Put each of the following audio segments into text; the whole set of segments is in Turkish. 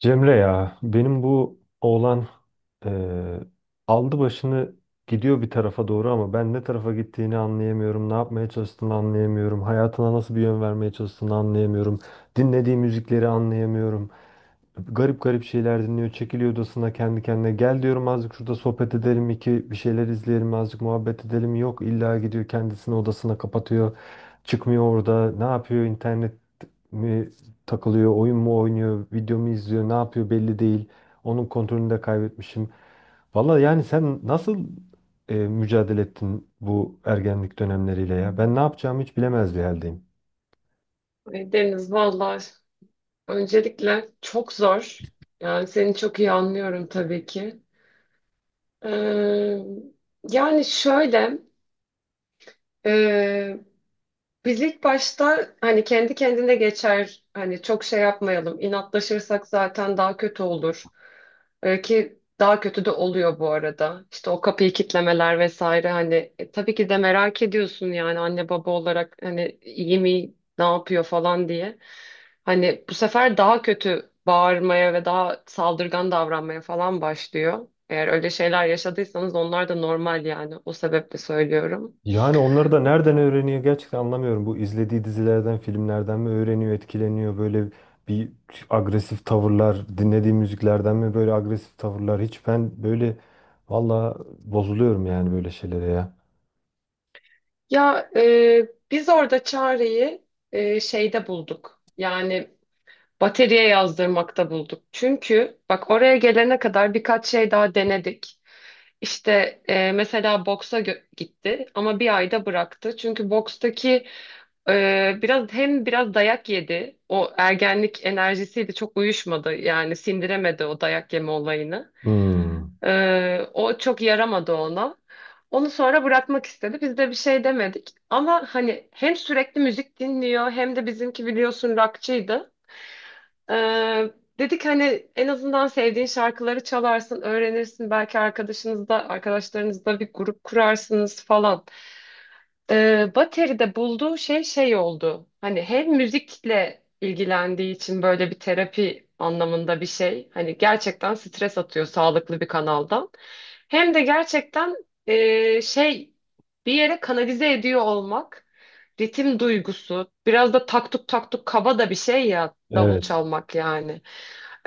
Cemre ya benim bu oğlan eee, aldı başını gidiyor bir tarafa doğru ama ben ne tarafa gittiğini anlayamıyorum. Ne yapmaya çalıştığını anlayamıyorum. Hayatına nasıl bir yön vermeye çalıştığını anlayamıyorum. Dinlediği müzikleri anlayamıyorum. Garip garip şeyler dinliyor. Çekiliyor odasına kendi kendine. Gel diyorum azıcık şurada sohbet edelim iki bir şeyler izleyelim azıcık muhabbet edelim. Yok illa gidiyor kendisini odasına kapatıyor. Çıkmıyor orada. Ne yapıyor internet mi takılıyor, oyun mu oynuyor, video mu izliyor, ne yapıyor belli değil. Onun kontrolünü de kaybetmişim. Valla yani sen nasıl mücadele ettin bu ergenlik dönemleriyle ya? Ben ne yapacağımı hiç bilemez bir haldeyim. Ay Deniz, vallahi öncelikle çok zor. Yani seni çok iyi anlıyorum tabii ki. Ee, Yani şöyle e, biz ilk başta hani kendi kendine geçer, hani çok şey yapmayalım, inatlaşırsak zaten daha kötü olur. Ki daha kötü de oluyor bu arada. İşte o kapıyı kitlemeler vesaire, hani tabii ki de merak ediyorsun yani anne baba olarak, hani iyi mi, ne yapıyor falan diye. Hani bu sefer daha kötü bağırmaya ve daha saldırgan davranmaya falan başlıyor. Eğer öyle şeyler yaşadıysanız onlar da normal yani. O sebeple söylüyorum. Yani onları da nereden öğreniyor gerçekten anlamıyorum. Bu izlediği dizilerden, filmlerden mi öğreniyor, etkileniyor böyle bir agresif tavırlar, dinlediği müziklerden mi böyle agresif tavırlar? Hiç ben böyle valla bozuluyorum yani böyle şeylere ya. Ya, biz orada çareyi şeyde bulduk. Yani bataryaya yazdırmakta bulduk. Çünkü bak, oraya gelene kadar birkaç şey daha denedik. İşte mesela gitti ama bir ayda bıraktı. Çünkü bokstaki e, biraz hem biraz dayak yedi. O ergenlik enerjisiyle çok uyuşmadı. Yani sindiremedi o dayak yeme olayını. Hmm, O çok yaramadı ona. Onu sonra bırakmak istedi. Biz de bir şey demedik. Ama hani hem sürekli müzik dinliyor, hem de bizimki biliyorsun rockçıydı. Ee, Dedik hani en azından sevdiğin şarkıları çalarsın, öğrenirsin. Belki arkadaşlarınızda bir grup kurarsınız falan. Bateri'de bulduğu şey şey oldu. Hani hem müzikle ilgilendiği için böyle bir terapi anlamında bir şey. Hani gerçekten stres atıyor sağlıklı bir kanaldan. Hem de gerçekten e, şey bir yere kanalize ediyor olmak. Ritim duygusu. Biraz da taktuk taktuk, kaba da bir şey ya davul evet. çalmak yani.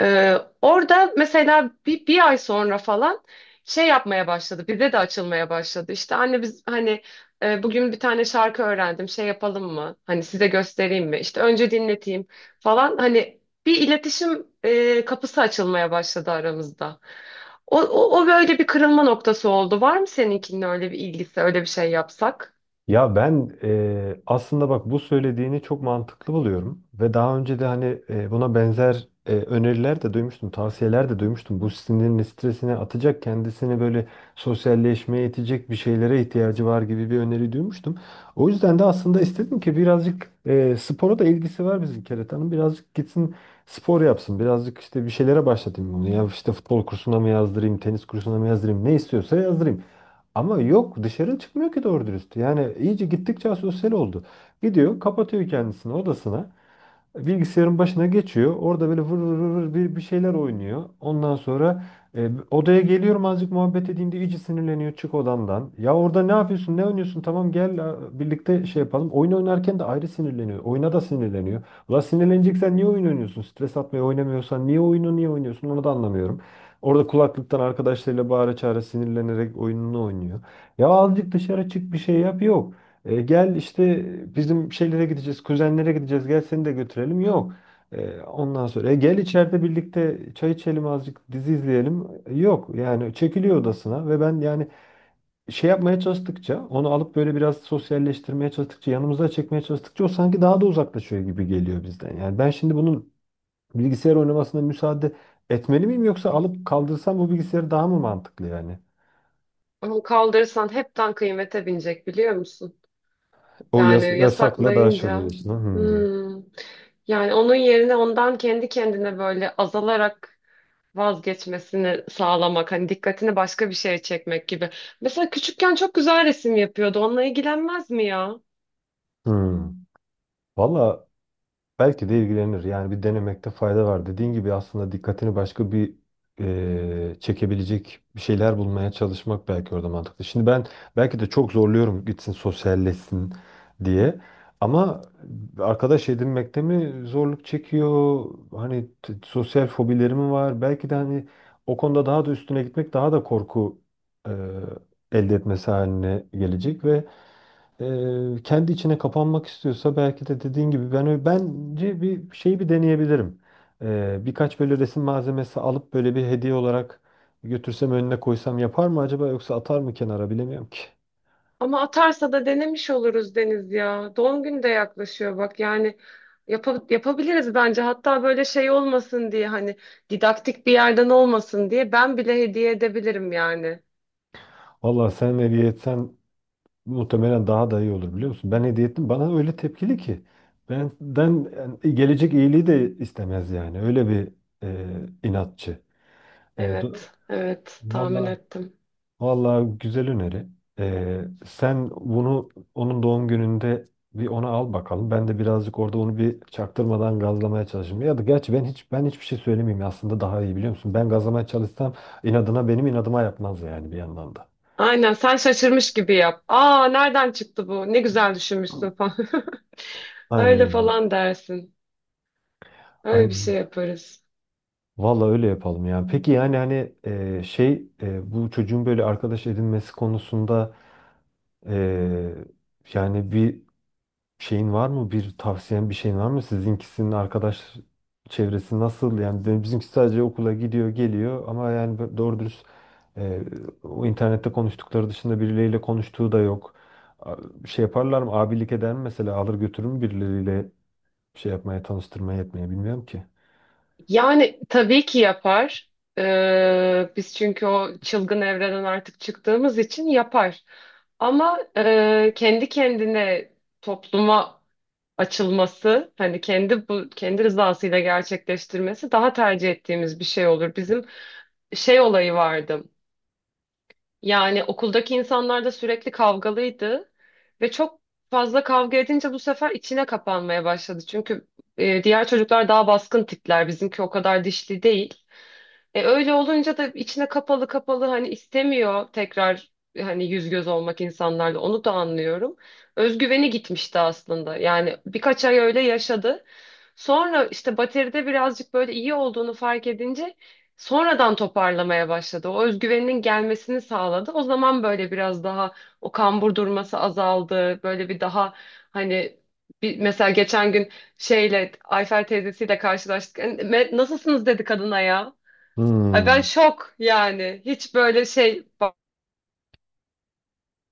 Ee, Orada mesela bir ay sonra falan şey yapmaya başladı. Bize de açılmaya başladı. İşte "Anne biz hani bugün bir tane şarkı öğrendim. Şey yapalım mı? Hani size göstereyim mi? İşte önce dinleteyim" falan. Hani bir iletişim kapısı açılmaya başladı aramızda. O böyle bir kırılma noktası oldu. Var mı seninkinin öyle bir ilgisi, öyle bir şey yapsak? Ya ben aslında bak bu söylediğini çok mantıklı buluyorum ve daha önce de hani buna benzer öneriler de duymuştum, tavsiyeler de duymuştum. Bu sinirini, stresini atacak, kendisini böyle sosyalleşmeye itecek bir şeylere ihtiyacı var gibi bir öneri duymuştum. O yüzden de aslında istedim ki birazcık spora da ilgisi var bizim Keretan'ın. Birazcık gitsin spor yapsın, birazcık işte bir şeylere başlatayım bunu. Ya işte futbol kursuna mı yazdırayım, tenis kursuna mı yazdırayım, ne istiyorsa yazdırayım. Ama yok dışarı çıkmıyor ki doğru dürüst. Yani iyice gittikçe asosyal oldu. Gidiyor kapatıyor kendisini odasına bilgisayarın başına geçiyor. Orada böyle vır vır vır vır bir şeyler oynuyor. Ondan sonra odaya geliyorum azıcık muhabbet edeyim diye iyice sinirleniyor çık odandan. Ya orada ne yapıyorsun ne oynuyorsun tamam gel birlikte şey yapalım. Oyun oynarken de ayrı sinirleniyor. Oyuna da sinirleniyor. Ulan sinirleneceksen niye oyun oynuyorsun? Stres atmaya oynamıyorsan niye oyunu niye oynuyorsun onu da anlamıyorum. Orada kulaklıktan arkadaşlarıyla bağıra çağıra sinirlenerek oyununu oynuyor. Ya azıcık dışarı çık bir şey yap yok. Gel işte bizim şeylere gideceğiz, kuzenlere gideceğiz. Gel seni de götürelim. Yok. Ondan sonra Gel içeride birlikte çay içelim azıcık dizi izleyelim. Yok. Yani çekiliyor odasına ve ben yani şey yapmaya çalıştıkça onu alıp böyle biraz sosyalleştirmeye çalıştıkça yanımıza çekmeye çalıştıkça o sanki daha da uzaklaşıyor gibi geliyor bizden. Yani ben şimdi bunun bilgisayar oynamasına müsaade etmeli miyim yoksa alıp kaldırsam bu bilgisayarı daha mı mantıklı yani? Onu kaldırırsan hepten kıymete binecek, biliyor musun? Yani Yasakla daha şey yasaklayınca. oluyorsun. Hmm. Hmm. Yani onun yerine ondan kendi kendine böyle azalarak vazgeçmesini sağlamak. Hani dikkatini başka bir şeye çekmek gibi. Mesela küçükken çok güzel resim yapıyordu. Onunla ilgilenmez mi ya? Hmm. Valla belki de ilgilenir. Yani bir denemekte fayda var. Dediğin gibi aslında dikkatini başka bir çekebilecek bir şeyler bulmaya çalışmak belki orada mantıklı. Şimdi ben belki de çok zorluyorum gitsin sosyalleşsin diye. Ama arkadaş edinmekte mi zorluk çekiyor? Hani sosyal fobileri mi var? Belki de hani o konuda daha da üstüne gitmek daha da korku eee, elde etmesi haline gelecek ve kendi içine kapanmak istiyorsa belki de dediğin gibi ben bence bir şeyi bir deneyebilirim. Birkaç böyle resim malzemesi alıp böyle bir hediye olarak götürsem önüne koysam yapar mı acaba yoksa atar mı kenara bilemiyorum ki. Ama atarsa da denemiş oluruz Deniz ya. Doğum günü de yaklaşıyor bak. Yani yapabiliriz bence. Hatta böyle şey olmasın diye, hani didaktik bir yerden olmasın diye, ben bile hediye edebilirim yani. Valla sen hediye etsen muhtemelen daha da iyi olur biliyor musun? Ben hediye ettim bana öyle tepkili ki. Benden yani gelecek iyiliği de istemez yani. Öyle bir inatçı. Eee do- Evet, evet, tahmin Vallahi. ettim. Vallahi güzel öneri. Sen bunu onun doğum gününde bir ona al bakalım. Ben de birazcık orada onu bir çaktırmadan gazlamaya çalışayım. Ya da gerçi ben hiçbir şey söylemeyeyim aslında daha iyi biliyor musun? Ben gazlamaya çalışsam inadına benim inadıma yapmaz yani bir yandan da. Aynen, sen şaşırmış gibi yap. "Aa, nereden çıktı bu? Ne güzel düşünmüşsün" falan. Aynen. Öyle Öyle. falan dersin. Öyle bir şey Aynen. yaparız. Vallahi öyle yapalım. Yani peki yani hani şey bu çocuğun böyle arkadaş edinmesi konusunda e, yani bir şeyin var mı? Bir tavsiyen bir şeyin var mı? Sizinkisinin arkadaş çevresi nasıl? Yani bizimki sadece okula gidiyor, geliyor ama yani doğru dürüst e, o internette konuştukları dışında birileriyle konuştuğu da yok. A- Şey yaparlar mı? Abilik eder mi mesela? Alır götürür mü birileriyle şey yapmaya, tanıştırmaya etmeye bilmiyorum ki. Yani tabii ki yapar. Biz çünkü o çılgın evreden artık çıktığımız için yapar. Ama kendi kendine topluma açılması, hani kendi bu kendi rızasıyla gerçekleştirmesi daha tercih ettiğimiz bir şey olur. Bizim şey olayı vardı. Yani okuldaki insanlar da sürekli kavgalıydı ve çok fazla kavga edince bu sefer içine kapanmaya başladı. Çünkü diğer çocuklar daha baskın tipler, bizimki o kadar dişli değil. E, öyle olunca da içine kapalı kapalı, hani istemiyor tekrar hani yüz göz olmak insanlarla, onu da anlıyorum. Özgüveni gitmişti aslında. Yani birkaç ay öyle yaşadı. Sonra işte bateride birazcık böyle iyi olduğunu fark edince sonradan toparlamaya başladı. O özgüveninin gelmesini sağladı. O zaman böyle biraz daha o kambur durması azaldı. Böyle bir daha hani, bir, mesela geçen gün şeyle Ayfer teyzesiyle karşılaştık. "E, nasılsınız?" dedi kadına ya. Ay ben Hmm. şok yani. Hiç böyle şey. Bak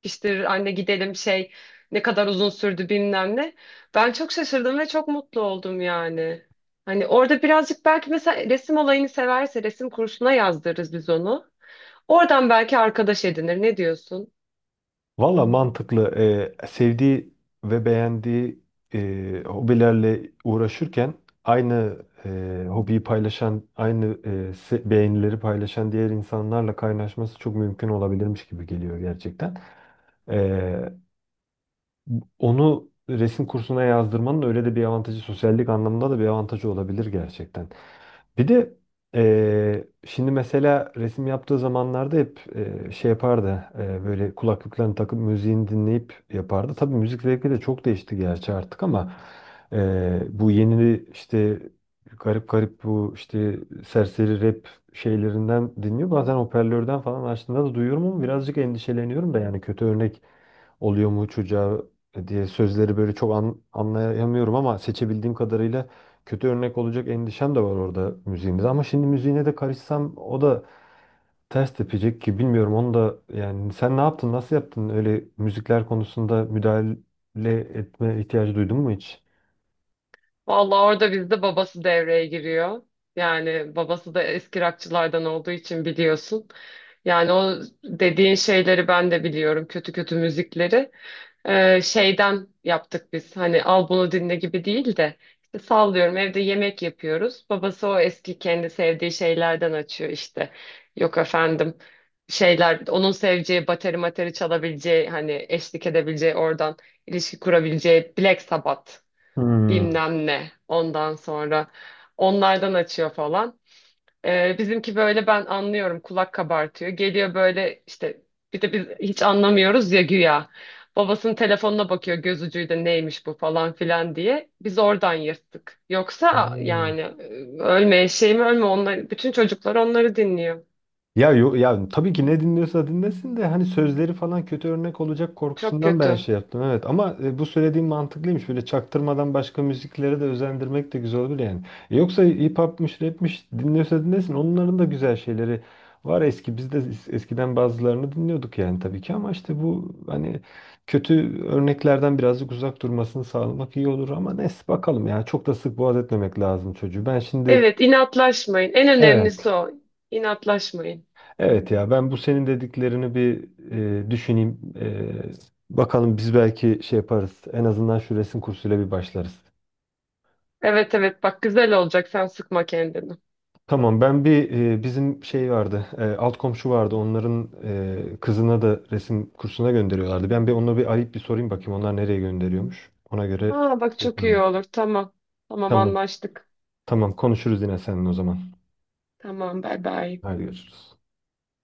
işte "Anne gidelim şey, ne kadar uzun sürdü, bilmem ne." Ben çok şaşırdım ve çok mutlu oldum yani. Hani orada birazcık, belki mesela resim olayını severse resim kursuna yazdırırız biz onu. Oradan belki arkadaş edinir. Ne diyorsun? Valla mantıklı. Sevdiği ve beğendiği hobilerle uğraşırken aynı hobiyi paylaşan, aynı beğenileri paylaşan diğer insanlarla kaynaşması çok mümkün olabilirmiş gibi geliyor gerçekten. Ee, Onu resim kursuna yazdırmanın öyle de bir avantajı, sosyallik anlamında da bir avantajı olabilir gerçekten. Bir de şimdi mesela resim yaptığı zamanlarda hep şey yapardı, böyle kulaklıklarını takıp müziğini dinleyip yapardı. Tabii müzik zevki de çok değişti gerçi artık ama bu yeni işte garip garip bu işte serseri rap şeylerinden dinliyor. Bazen hoparlörden falan açtığında da duyuyorum ama birazcık endişeleniyorum da yani kötü örnek oluyor mu çocuğa diye sözleri böyle çok anlayamıyorum ama seçebildiğim kadarıyla kötü örnek olacak endişem de var orada müziğimde. Ama şimdi müziğine de karışsam o da ters tepecek ki bilmiyorum onu da yani sen ne yaptın nasıl yaptın öyle müzikler konusunda müdahale etme ihtiyacı duydun mu hiç? Vallahi orada bizde babası devreye giriyor. Yani babası da eski rockçılardan olduğu için biliyorsun. Yani o dediğin şeyleri ben de biliyorum. Kötü kötü müzikleri. Şeyden yaptık biz. Hani "al bunu dinle" gibi değil de, işte sallıyorum, evde yemek yapıyoruz. Babası o eski kendi sevdiği şeylerden açıyor işte. Yok efendim, şeyler, onun seveceği bateri materi çalabileceği, hani eşlik edebileceği, oradan ilişki kurabileceği Black Sabbath, Hmm. bilmem ne, ondan sonra onlardan açıyor falan. Bizimki böyle, ben anlıyorum, kulak kabartıyor. Geliyor böyle işte, bir de biz hiç anlamıyoruz ya güya. Babasının telefonuna bakıyor göz ucuyla, neymiş bu falan filan diye. Biz oradan yırttık. Yoksa Hmm. yani ölme eşeğim ölme, onlar, bütün çocuklar onları dinliyor. Ya ya tabii ki ne dinliyorsa dinlesin de hani sözleri falan kötü örnek olacak Çok korkusundan ben kötü. şey yaptım, evet, ama bu söylediğim mantıklıymış böyle çaktırmadan başka müziklere de özendirmek de güzel olur yani. Yoksa hip hop'mış rap'miş dinliyorsa dinlesin onların da güzel şeyleri var eski biz de eskiden bazılarını dinliyorduk yani tabii ki ama işte bu hani kötü örneklerden birazcık uzak durmasını sağlamak iyi olur ama neyse bakalım ya çok da sık boğaz etmemek lazım çocuğu ben şimdi Evet, inatlaşmayın. En evet. önemlisi o. İnatlaşmayın. Evet ya ben bu senin dediklerini bir düşüneyim. Bakalım biz belki şey yaparız. En azından şu resim kursuyla bir başlarız. Evet, evet, bak, güzel olacak, sen sıkma kendini. Tamam ben bir bizim şey vardı. Alt komşu vardı. Onların kızına da resim kursuna gönderiyorlardı. Ben bir onlara bir arayıp bir sorayım bakayım onlar nereye gönderiyormuş. Ona göre Aa bak, şey çok iyi yaparım. olur, tamam. Tamam, Tamam. anlaştık. Tamam konuşuruz yine seninle o zaman. Tamam, bay bay. Hadi görüşürüz.